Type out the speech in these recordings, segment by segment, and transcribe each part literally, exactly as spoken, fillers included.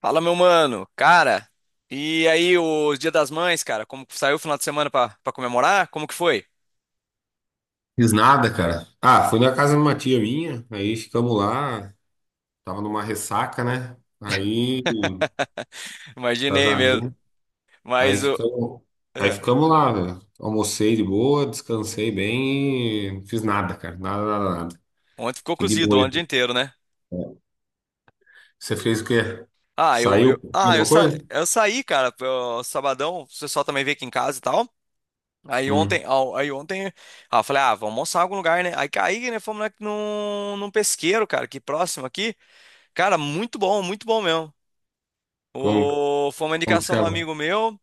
Fala, meu mano. Cara, e aí, o Dia das Mães, cara? Como que saiu o final de semana pra, pra comemorar? Como que foi? Fiz nada, cara. Ah, fui na casa de uma tia minha, aí ficamos lá, tava numa ressaca, né? Aí, Imaginei mesmo. casamento, aí Mas o. ficamos, aí é, ficamos lá, velho. Almocei de boa, descansei bem e fiz nada, cara. Nada, nada, nada. Ontem ficou Fiquei de cozido, boa. ontem o dia inteiro, né? Aí. Você fez o quê? Ah, eu, Saiu eu, pra ah, comer eu, alguma sa, coisa? eu saí, cara, pro sabadão. O pessoal também veio aqui em casa e tal. Aí Hum, ontem, ao- aí ontem, ah, eu falei, ah, vamos almoçar em algum lugar, né? Aí caí, né? Fomos lá num, num pesqueiro, cara, aqui próximo aqui. Cara, muito bom, muito bom mesmo. como, O, foi uma como que indicação do chama? amigo meu.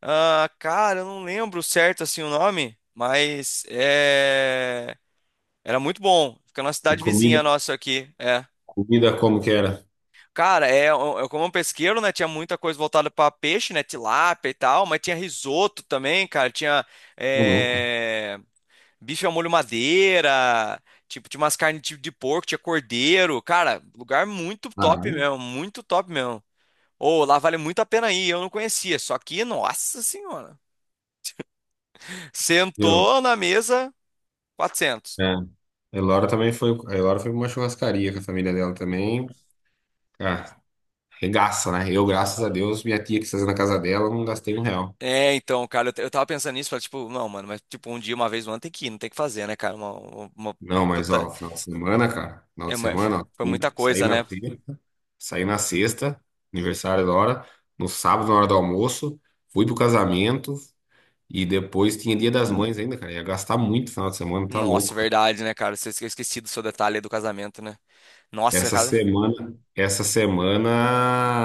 Ah, cara, eu não lembro certo assim o nome, mas é... era muito bom. Fica na E cidade comida, vizinha nossa aqui. É. comida como que era? Cara, é, eu eu como um pesqueiro, né? Tinha muita coisa voltada para peixe, né? Tilápia e tal, mas tinha risoto também, cara. Tinha Ô, louco. é, bife ao molho madeira, tipo, tinha umas carnes tipo de porco, tinha cordeiro. Cara, lugar muito top Caralho. mesmo, muito top mesmo. Ou lá vale muito a pena ir, eu não conhecia. Só que, nossa senhora. Viu? Sentou na mesa, quatrocentos. É. A Elora também foi, a Elora foi pra uma churrascaria com a família dela também. Ah, regaça, né? Eu, graças a Deus, minha tia que tá fazendo na casa dela, eu não gastei um real. É, então, cara, eu, t- eu tava pensando nisso, falei, tipo, não, mano, mas tipo, um dia, uma vez no ano tem que ir, não tem que fazer, né, cara? Uma, uma, uma Não, mas puta. ó, final de semana, cara, final é, de uma- semana, ó, foi saí muita saí coisa, na né? sexta, saí na sexta, aniversário da hora, no sábado, na hora do almoço, fui pro casamento e depois tinha Dia das Mães ainda, cara. Ia gastar muito final de semana, tá Nossa, louco, cara. verdade, né, cara? Você esque- eu esqueci do seu detalhe aí do casamento, né? Nossa, Essa cara. semana, essa semana,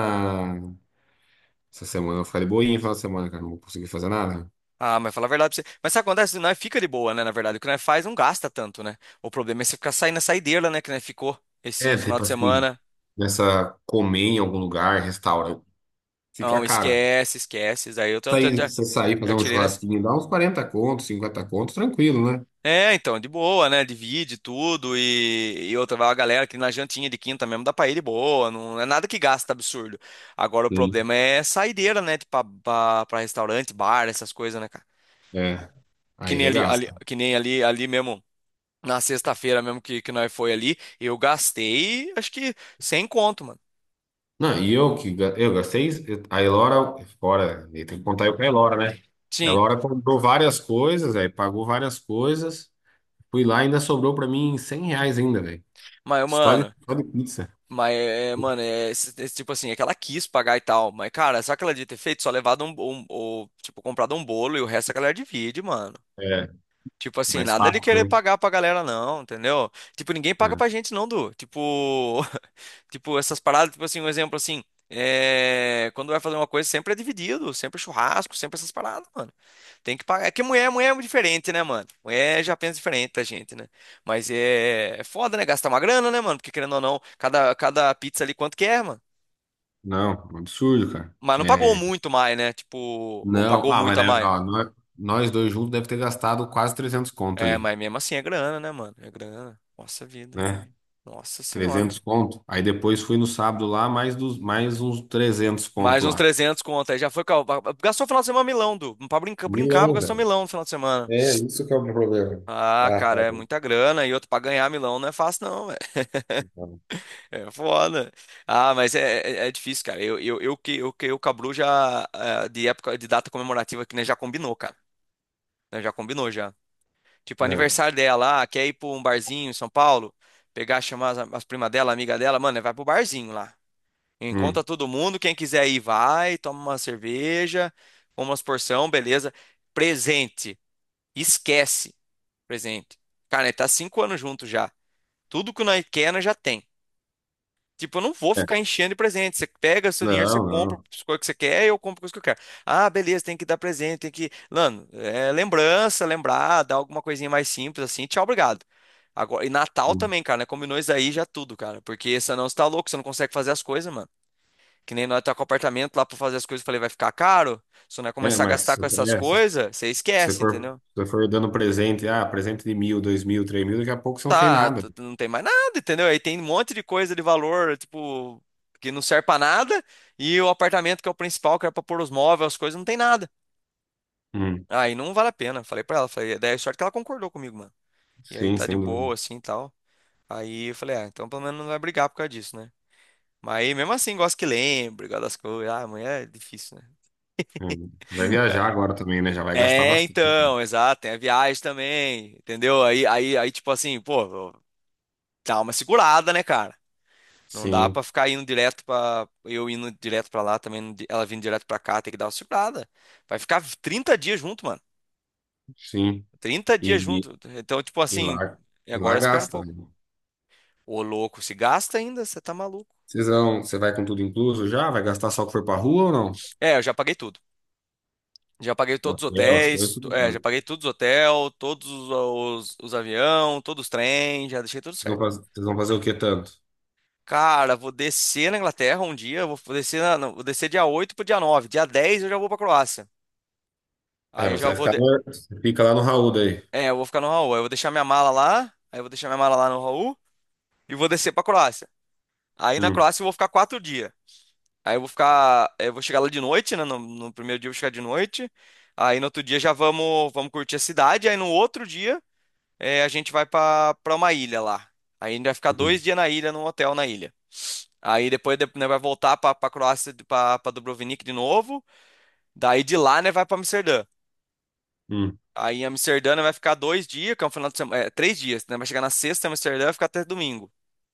essa semana eu vou ficar de boinha final de semana, cara, não vou conseguir fazer nada. Ah, mas fala a verdade pra você. Mas sabe o que acontece? Nós fica de boa, né? Na verdade, o que nós faz não gasta tanto, né? O problema é você ficar saindo na saideira, né? Que nós ficou esse É, final tipo de assim, semana. nessa comer em algum lugar, restaurante, fica Não, caro. esquece, esquece. Isso Aí eu tô- tô- tô- Sair, você sair, já fazer um tirei, né? churrasquinho, dá uns quarenta contos, cinquenta contos, tranquilo, né? É, então, de boa, né? Divide tudo e, e outra, vai a galera que na jantinha de quinta mesmo dá pra ir de boa, não é nada que gasta absurdo. Agora o Sim. problema é saideira, né? Tipo, pra, pra- pra restaurante, bar, essas coisas, né, cara? É, Que aí nem ali, ali- regaça. que nem ali, ali mesmo, na sexta-feira mesmo que, que nós foi ali, eu gastei, acho que, sem conto, mano. Não, e eu que ga- eu gastei, a Elora, fora, e tem que contar eu com a Elora, né? A Sim, Elora comprou várias coisas, aí pagou várias coisas, fui lá e ainda sobrou pra mim cem reais ainda, velho. mas, Só de, mano, só de pizza. mas, é, mano, é, esse- esse tipo assim, é que ela quis pagar e tal, mas, cara, só que ela devia ter feito? Só levado um, um, ou, tipo, comprado um bolo e o resto a galera divide, mano. É, Tipo assim, mais nada de fácil, querer né? pagar pra galera, não, entendeu? Tipo, ninguém paga É. pra gente, não, Du. Tipo, tipo, essas paradas, tipo assim, um exemplo assim. é, Quando vai fazer uma coisa, sempre é dividido, sempre é churrasco, sempre essas paradas, mano. Tem que pagar. É que mulher, mulher é muito diferente, né, mano? Mulher já pensa diferente da gente, né? Mas é, é foda, né? Gastar uma grana, né, mano? Porque querendo ou não, cada, cada pizza ali quanto que é, mano? Não, um absurdo, cara. Mas não pagou É, muito mais, né? Tipo, ou não, pagou ah, muito mas a né, mais. ó, nó- nós dois juntos deve ter gastado quase trezentos conto É, ali, mas mesmo assim é grana, né, mano? É grana. Nossa vida. né? Nossa senhora. Trezentos conto. Aí depois fui no sábado lá, mais, dos, mais uns trezentos conto Mais uns lá. trezentos conto. Aí já foi. cal- Gastou o final de semana Milão, Du. Pra brincar, brincava Milão, gastou velho. Milão no final de semana. É, isso que é o meu problema. Ah, Ah, cara, tá é bom. muita grana. E outro, pra ganhar Milão não é fácil, não, velho. Tá bom. É foda. Ah, mas é, é, é difícil, cara. Eu, eu, eu, que, eu, que, eu, Cabru, já. eh, De época, de data comemorativa aqui, né? Já combinou, cara. Né, já combinou, já. Tipo, É. aniversário dela, ah, quer ir pra um barzinho em São Paulo? Pegar, chamar as, as primas dela, amiga dela. Mano, vai pro barzinho lá. Encontra Hum. todo mundo, quem quiser ir vai, toma uma cerveja, come umas porção, beleza. Presente, esquece, presente. Cara, nós tá cinco anos junto já. Tudo que nós quer, nós já tem. Tipo, eu não vou É. ficar enchendo de presente. Você pega seu dinheiro, você Não, compra não. as coisas que você quer, eu compro as coisas que eu quero. Ah, beleza, tem que dar presente, tem que. Mano, é lembrança, lembrar, dar alguma coisinha mais simples assim. Tchau, obrigado. Agora, e Natal Hum. também, cara, né? Combinou isso aí já tudo, cara. Porque senão você tá louco, você não consegue fazer as coisas, mano. Que nem nós tá com o apartamento lá pra fazer as coisas, eu falei, vai ficar caro? Se nós É, começar a mas gastar se com essas é, se coisas, você você esquece, for, se entendeu? você for dando presente, ah, presente de mil, dois mil, três mil, daqui a pouco você não fez Tá, nada. t- t- não tem mais nada, entendeu? Aí tem um monte de coisa de valor, tipo, que não serve pra nada, e o apartamento que é o principal, que era pra pôr os móveis, as coisas, não tem nada. Hum. Aí não vale a pena. Falei pra ela, falei, daí a sorte que ela concordou comigo, mano. E aí Sim, tá de sem dúvida. boa, assim, e tal. Aí eu falei, ah, então pelo menos não vai brigar por causa disso, né? Mas aí mesmo assim, gosto que lembre, gosto das coisas. Ah, amanhã é difícil, né? É. Vai viajar agora também, né? Já vai gastar É, bastante. então, exato, tem a viagem também, entendeu? Aí, aí, aí, tipo assim, pô, dá uma segurada, né, cara? Não dá Sim, pra ficar indo direto pra. Eu indo direto pra lá também, não di- ela vindo direto pra cá, tem que dar uma segurada. Vai ficar trinta dias junto, mano. sim. Trinta dias E, junto. Então, tipo e assim, lá, e e agora lá espera um gasta, pouco. né? Ô, louco, se gasta ainda, você tá maluco. Vocês vão, você vai com tudo incluso já? Vai gastar só o que for pra rua ou não? É, eu já paguei tudo. Já paguei todos os Hotel, as coisas, hotéis, tudo to- é, já pago. paguei todos os hotéis, todos os, os, os aviões, todos os trens, já deixei tudo Vocês vão certo. Faz- vocês vão fazer o que tanto? Cara, vou descer na Inglaterra um dia, vou descer, na, não, vou descer dia oito pro dia nove, Dia dez eu já vou pra Croácia. É, Aí eu mas você já vai vou. ficar, de- no- você fica lá no Raul daí. É, eu vou ficar no Raul. Aí eu vou deixar minha mala lá, aí eu vou deixar minha mala lá no Raul e vou descer pra Croácia. Aí na Hum, Croácia eu vou ficar quatro dias. Aí eu vou ficar. é, Eu vou chegar lá de noite, né? No, no primeiro dia eu vou chegar de noite. Aí no outro dia já vamos, vamos curtir a cidade. Aí no outro dia é, a gente vai pra, pra uma ilha lá. Aí a gente vai ficar hum, dois dias na ilha, num hotel na ilha. Aí depois de- né, vai voltar pra, pra Croácia, pra, pra Dubrovnik de novo. Daí de lá, né, vai pra Amsterdã. hum, Aí em Amsterdã né, vai ficar dois dias, que é um final de semana, é, três dias, né? Vai chegar na sexta em Amsterdã e vai ficar até domingo.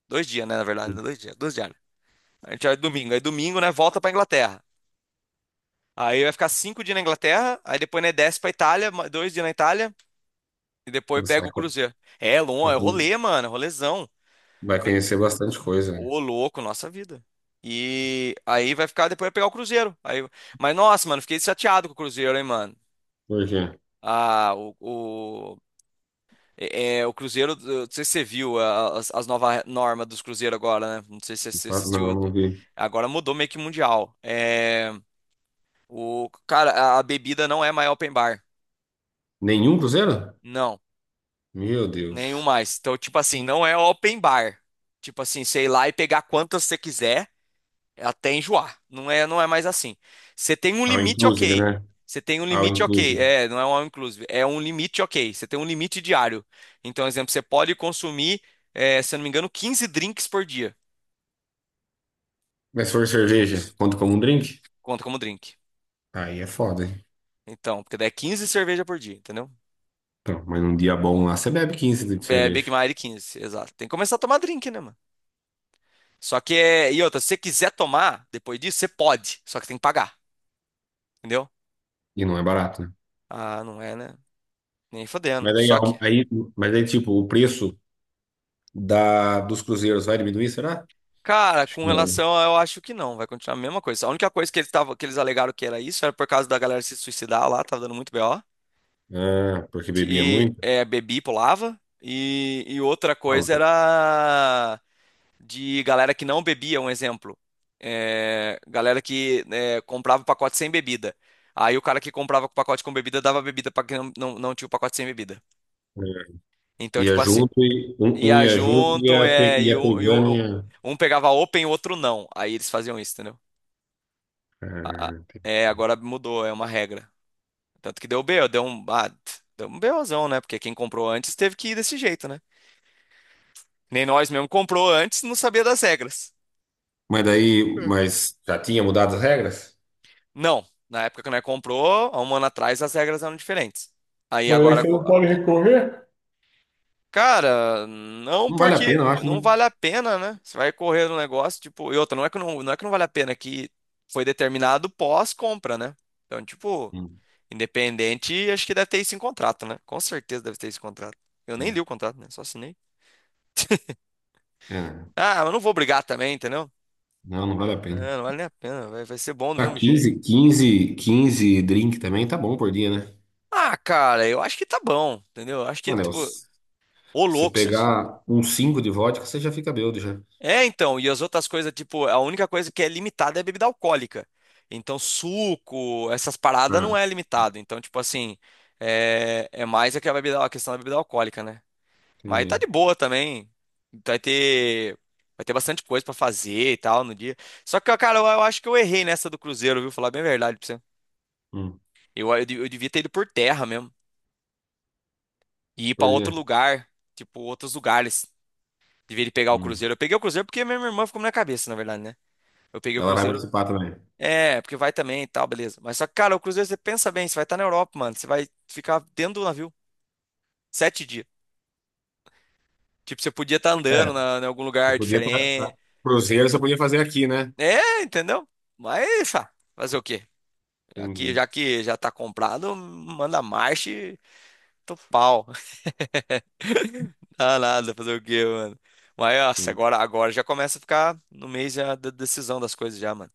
Dois dias, né, na verdade, hum. dois dias, dois dias. A gente vai domingo, aí domingo, né, volta pra Inglaterra. Aí vai ficar cinco dias na Inglaterra, aí depois, né, desce pra Itália, ma- dois dias na Itália, e depois Você pega vai, o co- cruzeiro. É, longo, vai é co- rolê, mano, rolezão. vai conhecer bastante coisa, né? Ô, louco, nossa vida. E aí vai ficar depois vai pegar o Cruzeiro. Aí, mas nossa, mano, fiquei chateado com o Cruzeiro, hein, mano. Por quê? Ah, o, o, é, é, o Cruzeiro, eu não sei se você viu a- as, as novas normas dos Cruzeiros agora, né? Não sei se você Claro. assistiu. Não, não vi. Agora mudou meio que mundial. É, o, cara, a, a bebida não é mais open bar. Nenhum cruzeiro? Não, Meu nenhum Deus. mais. Então, tipo assim, não é open bar. Tipo assim, sei lá e pegar quantas você quiser. É até enjoar. Não é, não é mais assim. Você tem um All limite, inclusive, ok. né? Você tem um All limite, ok. inclusive. É, não é um all inclusive. É um limite, ok. Você tem um limite diário. Então, exemplo, você pode consumir, é, se eu não me engano, quinze drinks por dia. Mas se for cerveja, conta como um drink? Conta como drink. Aí é foda, hein? Então, porque daí é quinze cerveja por dia, entendeu? Então, mas num dia bom lá, você bebe quinze litros de É, Big cerveja. Mac quinze, exato. Tem que começar a tomar drink, né, mano? Só que é. E outra, se você quiser tomar depois disso, você pode. Só que tem que pagar, entendeu? E não é barato, né? Ah, não é, né? Nem fodendo. Mas aí, Só ao- que. aí, mas aí, tipo, o preço da, dos cruzeiros vai diminuir, será? Cara, Acho com que não, relação a, eu acho que não, vai continuar a mesma coisa. A única coisa que eles tavam, que eles alegaram que era isso era por causa da galera se suicidar lá, tava dando muito B O. né? Ah, porque bebia E muito? é, bebi, pulava. E, e outra Ah, um coisa pouco. era de galera que não bebia, um exemplo. É, galera que é, comprava o pacote sem bebida. Aí o cara que comprava o pacote com bebida dava bebida pra quem não, não, não tinha o pacote sem bebida. É. Então, Ia tipo assim, junto, e, um, um ia ia junto e junto, ia, pe- é, e ia um, e um, pegando. um Ia. um pegava open e o outro não. Aí eles faziam isso, entendeu? Ah, a- a- É, entendi. agora mudou, é uma regra. Tanto que deu B BO, deu um, ah, tch, deu um BOzão, né? Porque quem comprou antes teve que ir desse jeito, né? Nem nós mesmo comprou antes, não sabia das regras. Mas daí, mas já tinha mudado as regras? Não, na época que nós comprou, há um ano atrás, as regras eram diferentes. Aí Mas aí agora, você co- não pode recorrer? cara, não Não vale a porque pena, eu acho, né? não vale a pena, né? Você vai correr no negócio, tipo, e outra, não é que não, não é que não vale a pena, é que foi determinado pós-compra, né? Então, tipo, Hum, independente, acho que deve ter esse em contrato, né? Com certeza deve ter esse contrato. Eu nem li hum. o contrato, né? Só assinei. É, Ah, mas não vou brigar também, entendeu? não, não vale a pena. É, não vale nem a pena, vai, vai ser bom do Tá, mesmo jeito. quinze quinze quinze drink também tá bom por dia, né? Ah, cara, eu acho que tá bom, entendeu? Acho que, Mano, é, o. tipo, ô Se louco. vocês- pegar um cinco de vodka, você já fica bêbado já. É, então, e as outras coisas, tipo, a única coisa que é limitada é a bebida alcoólica. Então, suco, essas paradas não Ah, é limitado. Então, tipo assim, é, é mais a que a bebida- a questão da bebida alcoólica, né? Mas tá entendi. de boa também. Vai ter, vai ter bastante coisa pra fazer e tal no dia. Só que, cara, eu, eu acho que eu errei nessa do Cruzeiro, viu? Falar bem a verdade pra você. Hum, Eu, eu, de- eu devia ter ido por terra mesmo. E ir pra por outro quê? lugar. Tipo, outros lugares. Devia de pegar o Hum. Cruzeiro. Eu peguei o Cruzeiro porque minha irmã ficou na minha cabeça, na verdade, né? Eu peguei o Ela vai Cruzeiro. participar também. É, porque vai também e tal, beleza. Mas só que, cara, o Cruzeiro, você pensa bem, você vai estar na Europa, mano. Você vai ficar dentro do navio sete dias. Tipo, você podia estar É, andando na, em algum eu lugar podia tra- a- diferente. cruzeiro você podia fazer aqui, né? É, entendeu? Mas, ah, fazer o quê? Aqui, Entendi. já que já tá comprado, manda marcha e tô pau. Dá nada, fazer o quê, mano? Mas, nossa, Sim. agora, agora já começa a ficar no mês já da decisão das coisas já, mano.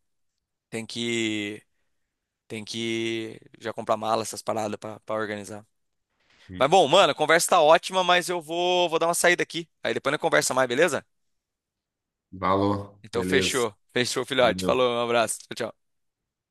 Tem que, tem que já comprar mala, essas paradas pra, pra organizar. Mas, Hum. bom, mano, a conversa tá ótima, mas eu vou, vou dar uma saída aqui. Aí depois a gente conversa mais, beleza? Valor. Então, Beleza. fechou. Fechou, filhote. Valeu. Falou, um abraço. Tchau, tchau.